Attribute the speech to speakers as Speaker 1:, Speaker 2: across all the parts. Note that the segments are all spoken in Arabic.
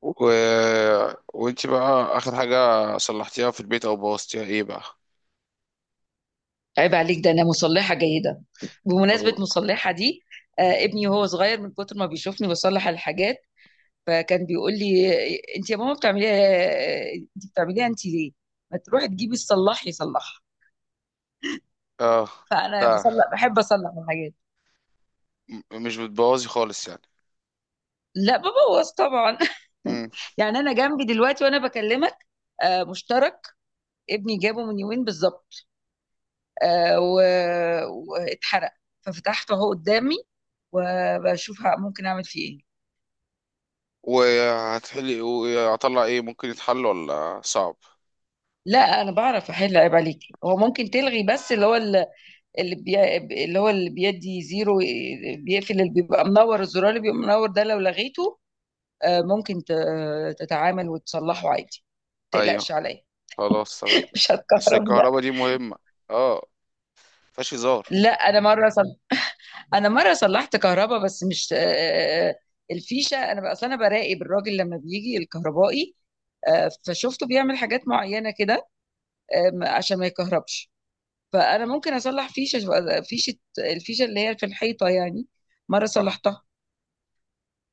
Speaker 1: و... وانت بقى اخر حاجة صلحتيها في البيت او بوظتيها ايه بقى؟
Speaker 2: عيب عليك، ده انا مصلحه جيده. بمناسبه
Speaker 1: أو-
Speaker 2: مصلحه دي، آه، ابني وهو صغير من كتر ما بيشوفني بصلح الحاجات، فكان بيقول لي: انت يا ماما بتعمليها، انت بتعمليها، انت ليه ما تروحي تجيبي الصلاح يصلحها؟
Speaker 1: اه.
Speaker 2: فانا
Speaker 1: لا،
Speaker 2: بصلح، بحب اصلح الحاجات.
Speaker 1: مش بتبوظي خالص يعني؟
Speaker 2: لا ببوظ طبعا.
Speaker 1: امم.
Speaker 2: يعني انا جنبي دلوقتي وانا بكلمك آه مشترك، ابني جابه من يومين بالظبط، واتحرق، ففتحته اهو قدامي وبشوف ممكن اعمل فيه ايه.
Speaker 1: وهتحلي، وهطلع ايه؟ ممكن يتحل ولا صعب؟
Speaker 2: لا انا بعرف احل، عيب عليكي. هو ممكن تلغي بس اللي هو اللي اللي هو اللي بيدي زيرو إيه، بيقفل، اللي بيبقى منور الزرار، اللي بيبقى منور ده لو لغيته، آه، ممكن تتعامل وتصلحه عادي. ما تقلقش
Speaker 1: ايوه،
Speaker 2: عليا.
Speaker 1: خلاص تمام.
Speaker 2: مش
Speaker 1: اصل
Speaker 2: هتكهرب لا.
Speaker 1: الكهرباء دي مهمة. اه، مفيهاش هزار.
Speaker 2: لا انا مره انا مره صلحت كهرباء بس مش آه، آه، الفيشه. انا بقى اصل انا براقب الراجل لما بيجي الكهربائي، آه، فشفته بيعمل حاجات معينه كده، آه، عشان ما يكهربش، فانا ممكن اصلح فيشه. الفيشه اللي هي في الحيطه يعني، مره
Speaker 1: آه.
Speaker 2: صلحتها.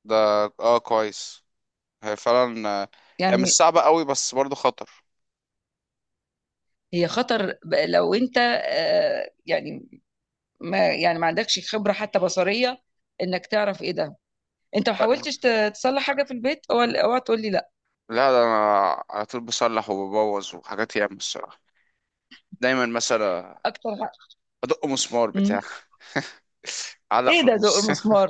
Speaker 1: ده، اه كويس. هي فعلا هي مش
Speaker 2: يعني
Speaker 1: صعبة قوي، بس برضو خطر.
Speaker 2: هي خطر لو انت آه، يعني، ما يعني ما عندكش خبره حتى بصريه انك تعرف ايه ده. انت ما
Speaker 1: أيوة.
Speaker 2: حاولتش تصلح حاجه في البيت؟ اوعى اوعى تقول لي لا.
Speaker 1: لا، ده انا على طول بصلح وببوظ، وحاجات ياما الصراحة. دايما مثلا
Speaker 2: اكتر حاجه.
Speaker 1: ادق مسمار
Speaker 2: مم.
Speaker 1: بتاع علق
Speaker 2: ايه ده، دق
Speaker 1: فانوس
Speaker 2: مسمار؟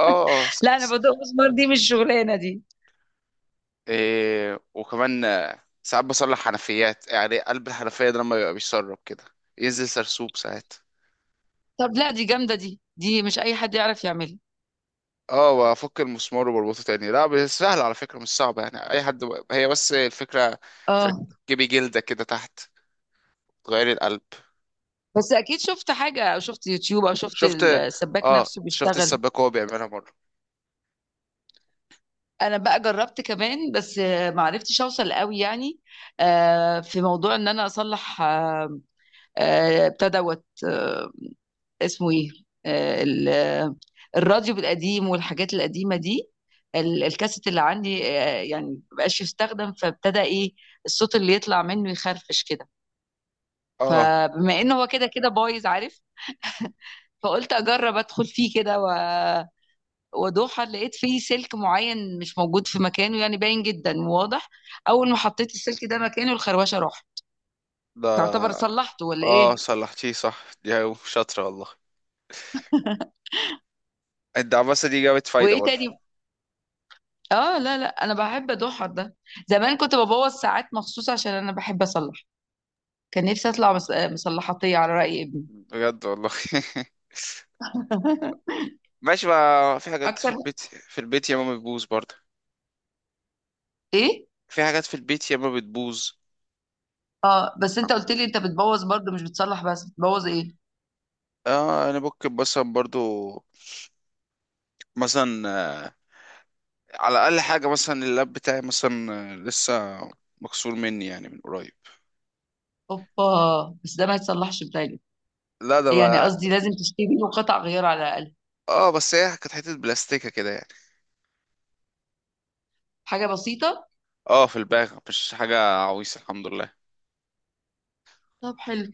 Speaker 1: اه اه
Speaker 2: لا انا بدق مسمار، دي مش شغلانه دي.
Speaker 1: إيه. وكمان ساعات بصلح حنفيات، يعني قلب الحنفية ده لما بيبقى بيسرب كده، ينزل سرسوب ساعات.
Speaker 2: طب لا، دي جامده دي مش اي حد يعرف يعملها.
Speaker 1: اه، بفك المسمار وبربطه تاني. لا بس سهل على فكرة، مش صعبة يعني اي حد هي بس الفكرة
Speaker 2: اه
Speaker 1: تركبي جلدة كده تحت، تغيري القلب.
Speaker 2: بس اكيد شفت حاجه او شفت يوتيوب او شفت
Speaker 1: شفت،
Speaker 2: السباك
Speaker 1: اه
Speaker 2: نفسه
Speaker 1: شفت
Speaker 2: بيشتغل.
Speaker 1: السباك وهو بيعملها مرة.
Speaker 2: انا بقى جربت كمان بس آه، ما عرفتش اوصل قوي يعني. آه، في موضوع ان انا اصلح آه، آه، بتاع دوت آه، اسمه ايه، آه، الراديو القديم والحاجات القديمه دي. الكاسيت اللي عندي آه، يعني مبقاش يستخدم، فابتدى ايه، الصوت اللي يطلع منه يخرفش كده.
Speaker 1: اه.
Speaker 2: فبما انه هو كده كده بايظ، عارف، فقلت اجرب ادخل فيه كده وادوخها، لقيت فيه سلك معين مش موجود في مكانه، يعني باين جدا وواضح. اول ما حطيت السلك ده مكانه الخروشه راح. يعتبر
Speaker 1: ده،
Speaker 2: صلحته ولا
Speaker 1: اه
Speaker 2: ايه؟
Speaker 1: صلحتيه صح، دي شاطرة والله. الدعبسة دي جابت فايدة
Speaker 2: وايه
Speaker 1: برضه.
Speaker 2: تاني؟ اه لا لا انا بحب ادوخها ده. زمان كنت ببوظ ساعات مخصوص عشان انا بحب اصلح. كان نفسي اطلع مصلحاتيه على راي ابني.
Speaker 1: بجد والله ماشي بقى. في حاجات في
Speaker 2: اكتر
Speaker 1: البيت في البيت ياما بتبوظ برضه.
Speaker 2: ايه؟
Speaker 1: في حاجات في البيت ياما بتبوظ.
Speaker 2: آه، بس انت قلت لي انت بتبوظ برضه مش بتصلح، بس بتبوظ ايه؟
Speaker 1: اه، انا ممكن مثلا برضه، مثلا على اقل حاجة مثلا اللاب بتاعي مثلا لسه مكسور مني يعني من قريب.
Speaker 2: اوبا، بس ده ما يتصلحش بتاعي.
Speaker 1: لا ده
Speaker 2: يعني
Speaker 1: بقى،
Speaker 2: قصدي لازم تشتري له قطع غيار على الاقل.
Speaker 1: اه بس هي كانت حتة بلاستيكة كده يعني.
Speaker 2: حاجه بسيطه.
Speaker 1: اه، في الباغ، مش حاجة عويصة الحمد لله.
Speaker 2: طب حلو.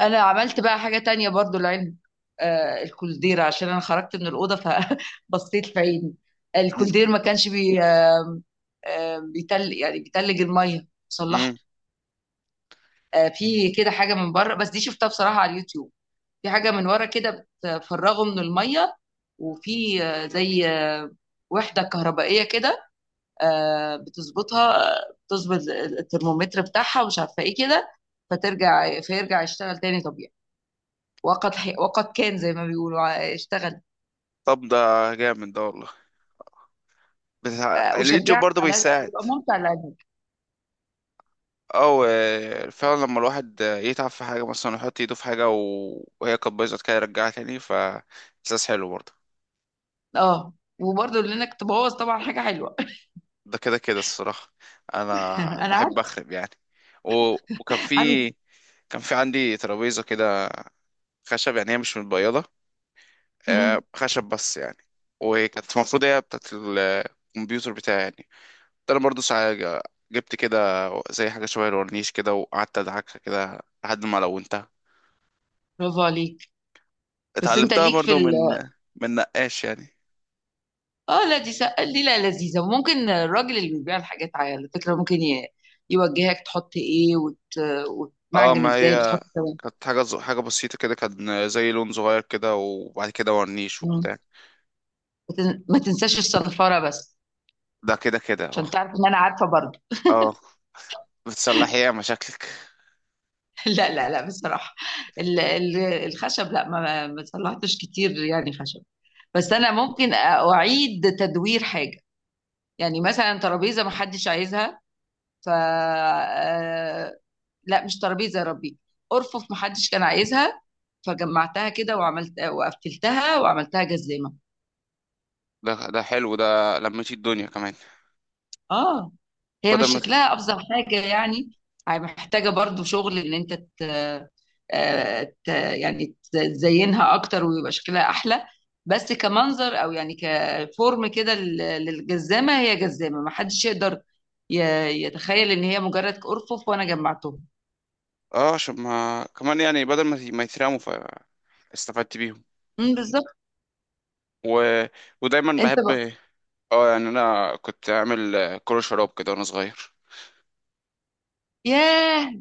Speaker 2: انا عملت بقى حاجة تانية برضو لعلم، آه، الكولدير. عشان انا خرجت من الأوضة فبصيت في عيني.
Speaker 1: مم.
Speaker 2: الكولدير ما كانش بي آه آه بيتل، يعني بيتلج المية.
Speaker 1: مم.
Speaker 2: صلحته. آه، في كده حاجة من بره بس دي شفتها بصراحة على اليوتيوب. في حاجة من ورا كده بتفرغه من المية، وفي آه زي آه وحدة كهربائية كده، آه بتظبطها، آه، بتظبط الترمومتر بتاعها ومش عارفة ايه كده، فترجع، فيرجع يشتغل تاني طبيعي. وقد كان زي ما بيقولوا اشتغل.
Speaker 1: طب ده جامد ده والله. بس
Speaker 2: آه،
Speaker 1: اليوتيوب
Speaker 2: اشجعك
Speaker 1: برضه
Speaker 2: على هذا،
Speaker 1: بيساعد،
Speaker 2: بيبقى ممتع لعينك.
Speaker 1: او فعلا لما الواحد يتعب في حاجه مثلا، يحط ايده في حاجه وهي كانت بايظه كده يرجعها تاني ف احساس حلو برضه.
Speaker 2: اه وبرضه لانك تبوظ طبعا حاجه حلوه.
Speaker 1: ده كده كده الصراحه، انا
Speaker 2: انا عارف.
Speaker 1: بحب اخرب يعني. و... وكان
Speaker 2: عن.
Speaker 1: في، كان في عندي ترابيزه كده، خشب يعني، هي مش متبيضه
Speaker 2: مم،
Speaker 1: خشب بس يعني. وكانت المفروض هي بتاعت الكمبيوتر بتاعي يعني. ده انا برضه ساعه جبت كده زي حاجه شبه الورنيش كده، وقعدت ادعكها كده لحد ما لونتها.
Speaker 2: برافو عليك. بس انت
Speaker 1: اتعلمتها
Speaker 2: ليك في
Speaker 1: برضو من نقاش يعني.
Speaker 2: اه لا دي دي لا لذيذه. وممكن الراجل اللي بيبيع الحاجات على فكره ممكن يوجهك تحط ايه
Speaker 1: اه،
Speaker 2: وتمعجن
Speaker 1: ما
Speaker 2: ازاي
Speaker 1: هي
Speaker 2: بتحط كمان.
Speaker 1: كانت حاجة حاجة بسيطة كده، كان زي لون صغير كده، وبعد كده ورنيش
Speaker 2: مم.
Speaker 1: وبتاع.
Speaker 2: ما تنساش الصنفره بس.
Speaker 1: ده كده كده اه.
Speaker 2: عشان تعرف ان انا عارفه برضه.
Speaker 1: اه، بتصلحي ايه يا مشاكلك؟
Speaker 2: لا لا لا، بصراحه الخشب لا، ما صلحتش كتير يعني خشب. بس انا ممكن اعيد تدوير حاجه. يعني مثلا ترابيزه محدش عايزها، ف آه، لا مش ترابيزه يا ربي، ارفف محدش كان عايزها. فجمعتها كده وعملت وقفلتها وعملتها جزامه.
Speaker 1: ده حلو ده، لميتي الدنيا كمان.
Speaker 2: اه هي
Speaker 1: بدل
Speaker 2: مش
Speaker 1: ما ت-
Speaker 2: شكلها افظع حاجه يعني. هي محتاجه برضو شغل ان انت يعني تزينها اكتر ويبقى شكلها احلى. بس كمنظر او يعني كفورم كده للجزامه. هي جزامه ما حدش يقدر ي... يتخيل ان هي مجرد ارفف وانا جمعتهم.
Speaker 1: اه، عشان ما كمان يعني بدل ما ما يترموا، فاستفدت بيهم.
Speaker 2: بالظبط.
Speaker 1: و... ودايما
Speaker 2: انت
Speaker 1: بحب.
Speaker 2: بقى.
Speaker 1: اه يعني انا كنت اعمل كرة شراب كده وانا صغير.
Speaker 2: ياه،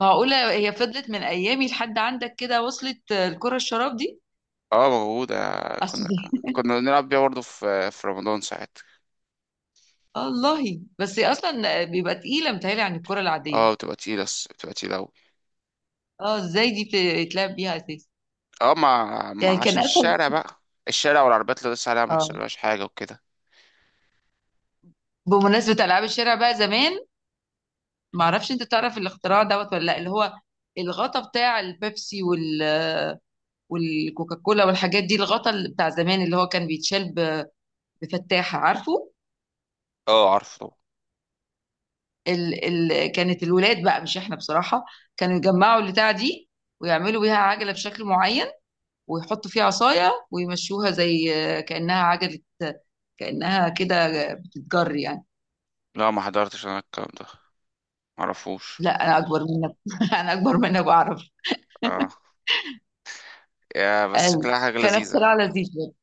Speaker 2: معقوله هي فضلت من ايامي لحد عندك كده؟ وصلت آه، الكره الشراب دي.
Speaker 1: اه، موجودة.
Speaker 2: اصل
Speaker 1: كنا كنا بنلعب بيها برضه في رمضان ساعات.
Speaker 2: الله، بس هي اصلا بيبقى تقيله متهيألي عن الكره العاديه.
Speaker 1: اه، بتبقى تقيلة أوي.
Speaker 2: اه، ازاي دي بتتلعب بيها اساسا؟
Speaker 1: اه، مع...
Speaker 2: يعني
Speaker 1: مع
Speaker 2: كان
Speaker 1: عشان
Speaker 2: اسهل.
Speaker 1: الشارع بقى، الشارع والعربيات اللي لسه عليها ما
Speaker 2: اه
Speaker 1: يحصلهاش حاجة وكده.
Speaker 2: بمناسبه العاب الشارع بقى زمان، ما اعرفش انت تعرف الاختراع دوت ولا لا؟ اللي هو الغطا بتاع البيبسي وال والكوكاكولا والحاجات دي، الغطا اللي بتاع زمان اللي هو كان بيتشال بفتاحه، عارفه؟
Speaker 1: اه عارفه طبعا.
Speaker 2: ال... كانت الولاد بقى مش احنا بصراحه، كانوا يجمعوا البتاع دي ويعملوا بيها عجله بشكل معين ويحطوا فيها عصاية ويمشوها زي كأنها عجلة، كأنها كده بتتجر يعني.
Speaker 1: لا ما حضرتش انا الكلام ده، معرفوش.
Speaker 2: لا أنا أكبر منك. أنا أكبر منك بعرف.
Speaker 1: اه، يا بس
Speaker 2: قال،
Speaker 1: شكلها حاجة
Speaker 2: كان
Speaker 1: لذيذة.
Speaker 2: اختراع لذيذ برضه.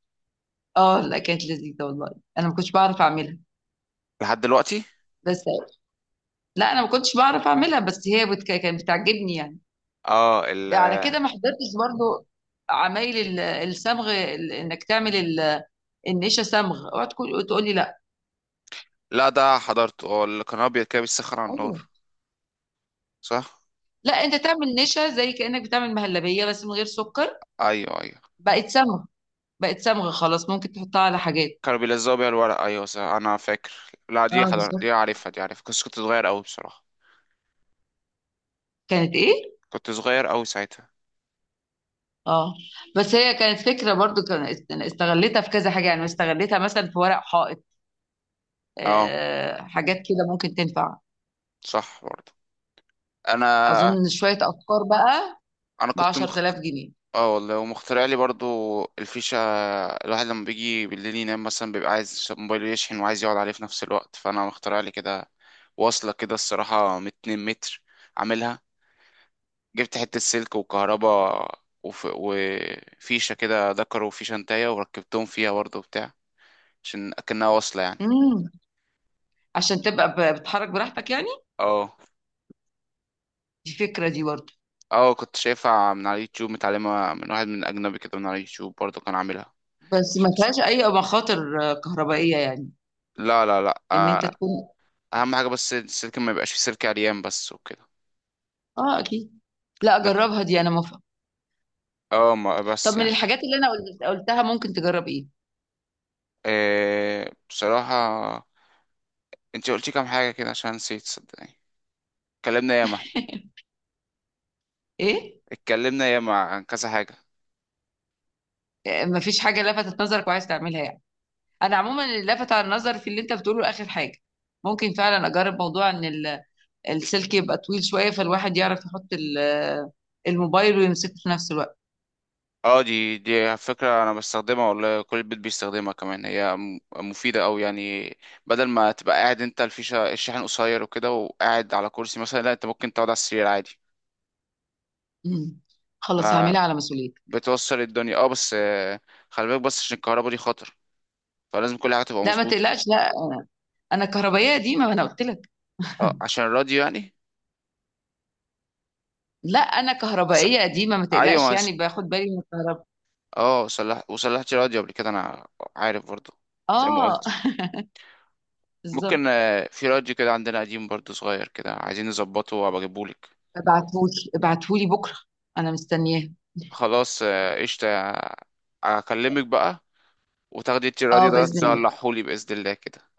Speaker 2: اه لا كانت لذيذة والله. أنا ما كنتش بعرف أعملها
Speaker 1: لحد دلوقتي.
Speaker 2: بس. لا أنا ما كنتش بعرف أعملها بس هي كانت بتعجبني يعني.
Speaker 1: اه.
Speaker 2: على كده ما حضرتش برضه عمايل الصمغ، إنك تعمل النشا صمغ. اوعى تقول لي لا.
Speaker 1: لا ده حضرته، اه اللي كان ابيض كده بيسخن على النار.
Speaker 2: ايوه.
Speaker 1: صح.
Speaker 2: لا انت تعمل نشا زي كانك بتعمل مهلبيه بس من غير سكر.
Speaker 1: ايوه ايوه،
Speaker 2: بقت صمغ، بقت صمغة خلاص، ممكن تحطها على حاجات.
Speaker 1: كانوا بيلزقوا بيها الورق. ايوه صح انا فاكر. لا،
Speaker 2: اه بالظبط.
Speaker 1: دي عارفها دي عارفها بس كنت صغير قوي بصراحة.
Speaker 2: كانت ايه.
Speaker 1: كنت صغير قوي ساعتها.
Speaker 2: اه بس هي كانت فكرة برضو، أنا استغلتها في كذا حاجة، يعني استغلتها مثلا في ورق حائط.
Speaker 1: اه
Speaker 2: آه حاجات كده ممكن تنفع.
Speaker 1: صح برضه. انا
Speaker 2: اظن شوية افكار بقى
Speaker 1: انا
Speaker 2: ب
Speaker 1: كنت
Speaker 2: 10000 جنيه
Speaker 1: اه والله، ومخترع لي برضو الفيشة. الواحد لما بيجي بالليل ينام مثلا بيبقى عايز موبايله يشحن، وعايز يقعد عليه في نفس الوقت، فانا مخترع لي كده واصلة كده الصراحة من 2 متر، عاملها جبت حتة سلك وكهرباء، وفيشة كده ذكر وفيشة انتايه وركبتهم فيها برضو بتاع، عشان أكنها واصلة يعني.
Speaker 2: امم، عشان تبقى بتحرك براحتك يعني.
Speaker 1: اه.
Speaker 2: دي فكرة دي برضو.
Speaker 1: اه كنت شايفها من على اليوتيوب، متعلمة من واحد من أجنبي كده، من على اليوتيوب برضو كان عاملها.
Speaker 2: بس ما فيهاش اي مخاطر آه، كهربائية يعني؟
Speaker 1: لا لا لا
Speaker 2: ان انت تكون.
Speaker 1: اهم حاجه بس السلك ما يبقاش فيه سلك عريان بس وكده.
Speaker 2: اه اكيد. لا
Speaker 1: لكن
Speaker 2: اجربها دي، انا موافقة.
Speaker 1: اه، ما
Speaker 2: طب
Speaker 1: بس
Speaker 2: من
Speaker 1: يعني
Speaker 2: الحاجات اللي انا قلتها ممكن تجرب ايه؟
Speaker 1: إيه بصراحه، انت قلتي كام حاجه كده عشان نسيت صدقني. اتكلمنا ياما احنا،
Speaker 2: ايه؟
Speaker 1: اتكلمنا ياما عن كذا حاجه.
Speaker 2: مفيش حاجة لفتت نظرك وعايز تعملها يعني؟ أنا عموما اللي لفت على النظر في اللي أنت بتقوله آخر حاجة، ممكن فعلا أجرب موضوع إن السلك يبقى طويل شوية، فالواحد يعرف يحط الموبايل ويمسكه في نفس الوقت.
Speaker 1: اه، دي فكره انا بستخدمها والله، كل البيت بيستخدمها كمان. هي مفيده أوي يعني. بدل ما تبقى قاعد انت، الفيشه الشاحن قصير وكده وقاعد على كرسي مثلا، لا انت ممكن تقعد على السرير عادي،
Speaker 2: مم. خلاص هعملها على مسؤوليتي.
Speaker 1: فبتوصل الدنيا. اه بس خلي بالك بس عشان الكهرباء دي خطر، فلازم كل حاجه تبقى
Speaker 2: لا ما
Speaker 1: مظبوطه.
Speaker 2: تقلقش، لا أنا. أنا كهربائية قديمة، ما أنا قلت لك.
Speaker 1: اه عشان راديو يعني.
Speaker 2: لا أنا
Speaker 1: أس-
Speaker 2: كهربائية قديمة، ما
Speaker 1: ايوه
Speaker 2: تقلقش،
Speaker 1: ما
Speaker 2: يعني باخد بالي من الكهرباء.
Speaker 1: اه، صلح وصلحت راديو قبل كده انا، عارف برضو زي ما
Speaker 2: آه.
Speaker 1: قلت.
Speaker 2: بالظبط.
Speaker 1: ممكن في راديو كده عندنا قديم برضو، صغير كده، عايزين نظبطه، وابقى اجيبهولك.
Speaker 2: ابعتهولي، ابعتهولي بكرة، أنا مستنياه.
Speaker 1: خلاص قشطة، اكلمك بقى، وتاخدي انت الراديو
Speaker 2: آه
Speaker 1: ده
Speaker 2: بإذن الله.
Speaker 1: تصلحهولي بإذن الله كده.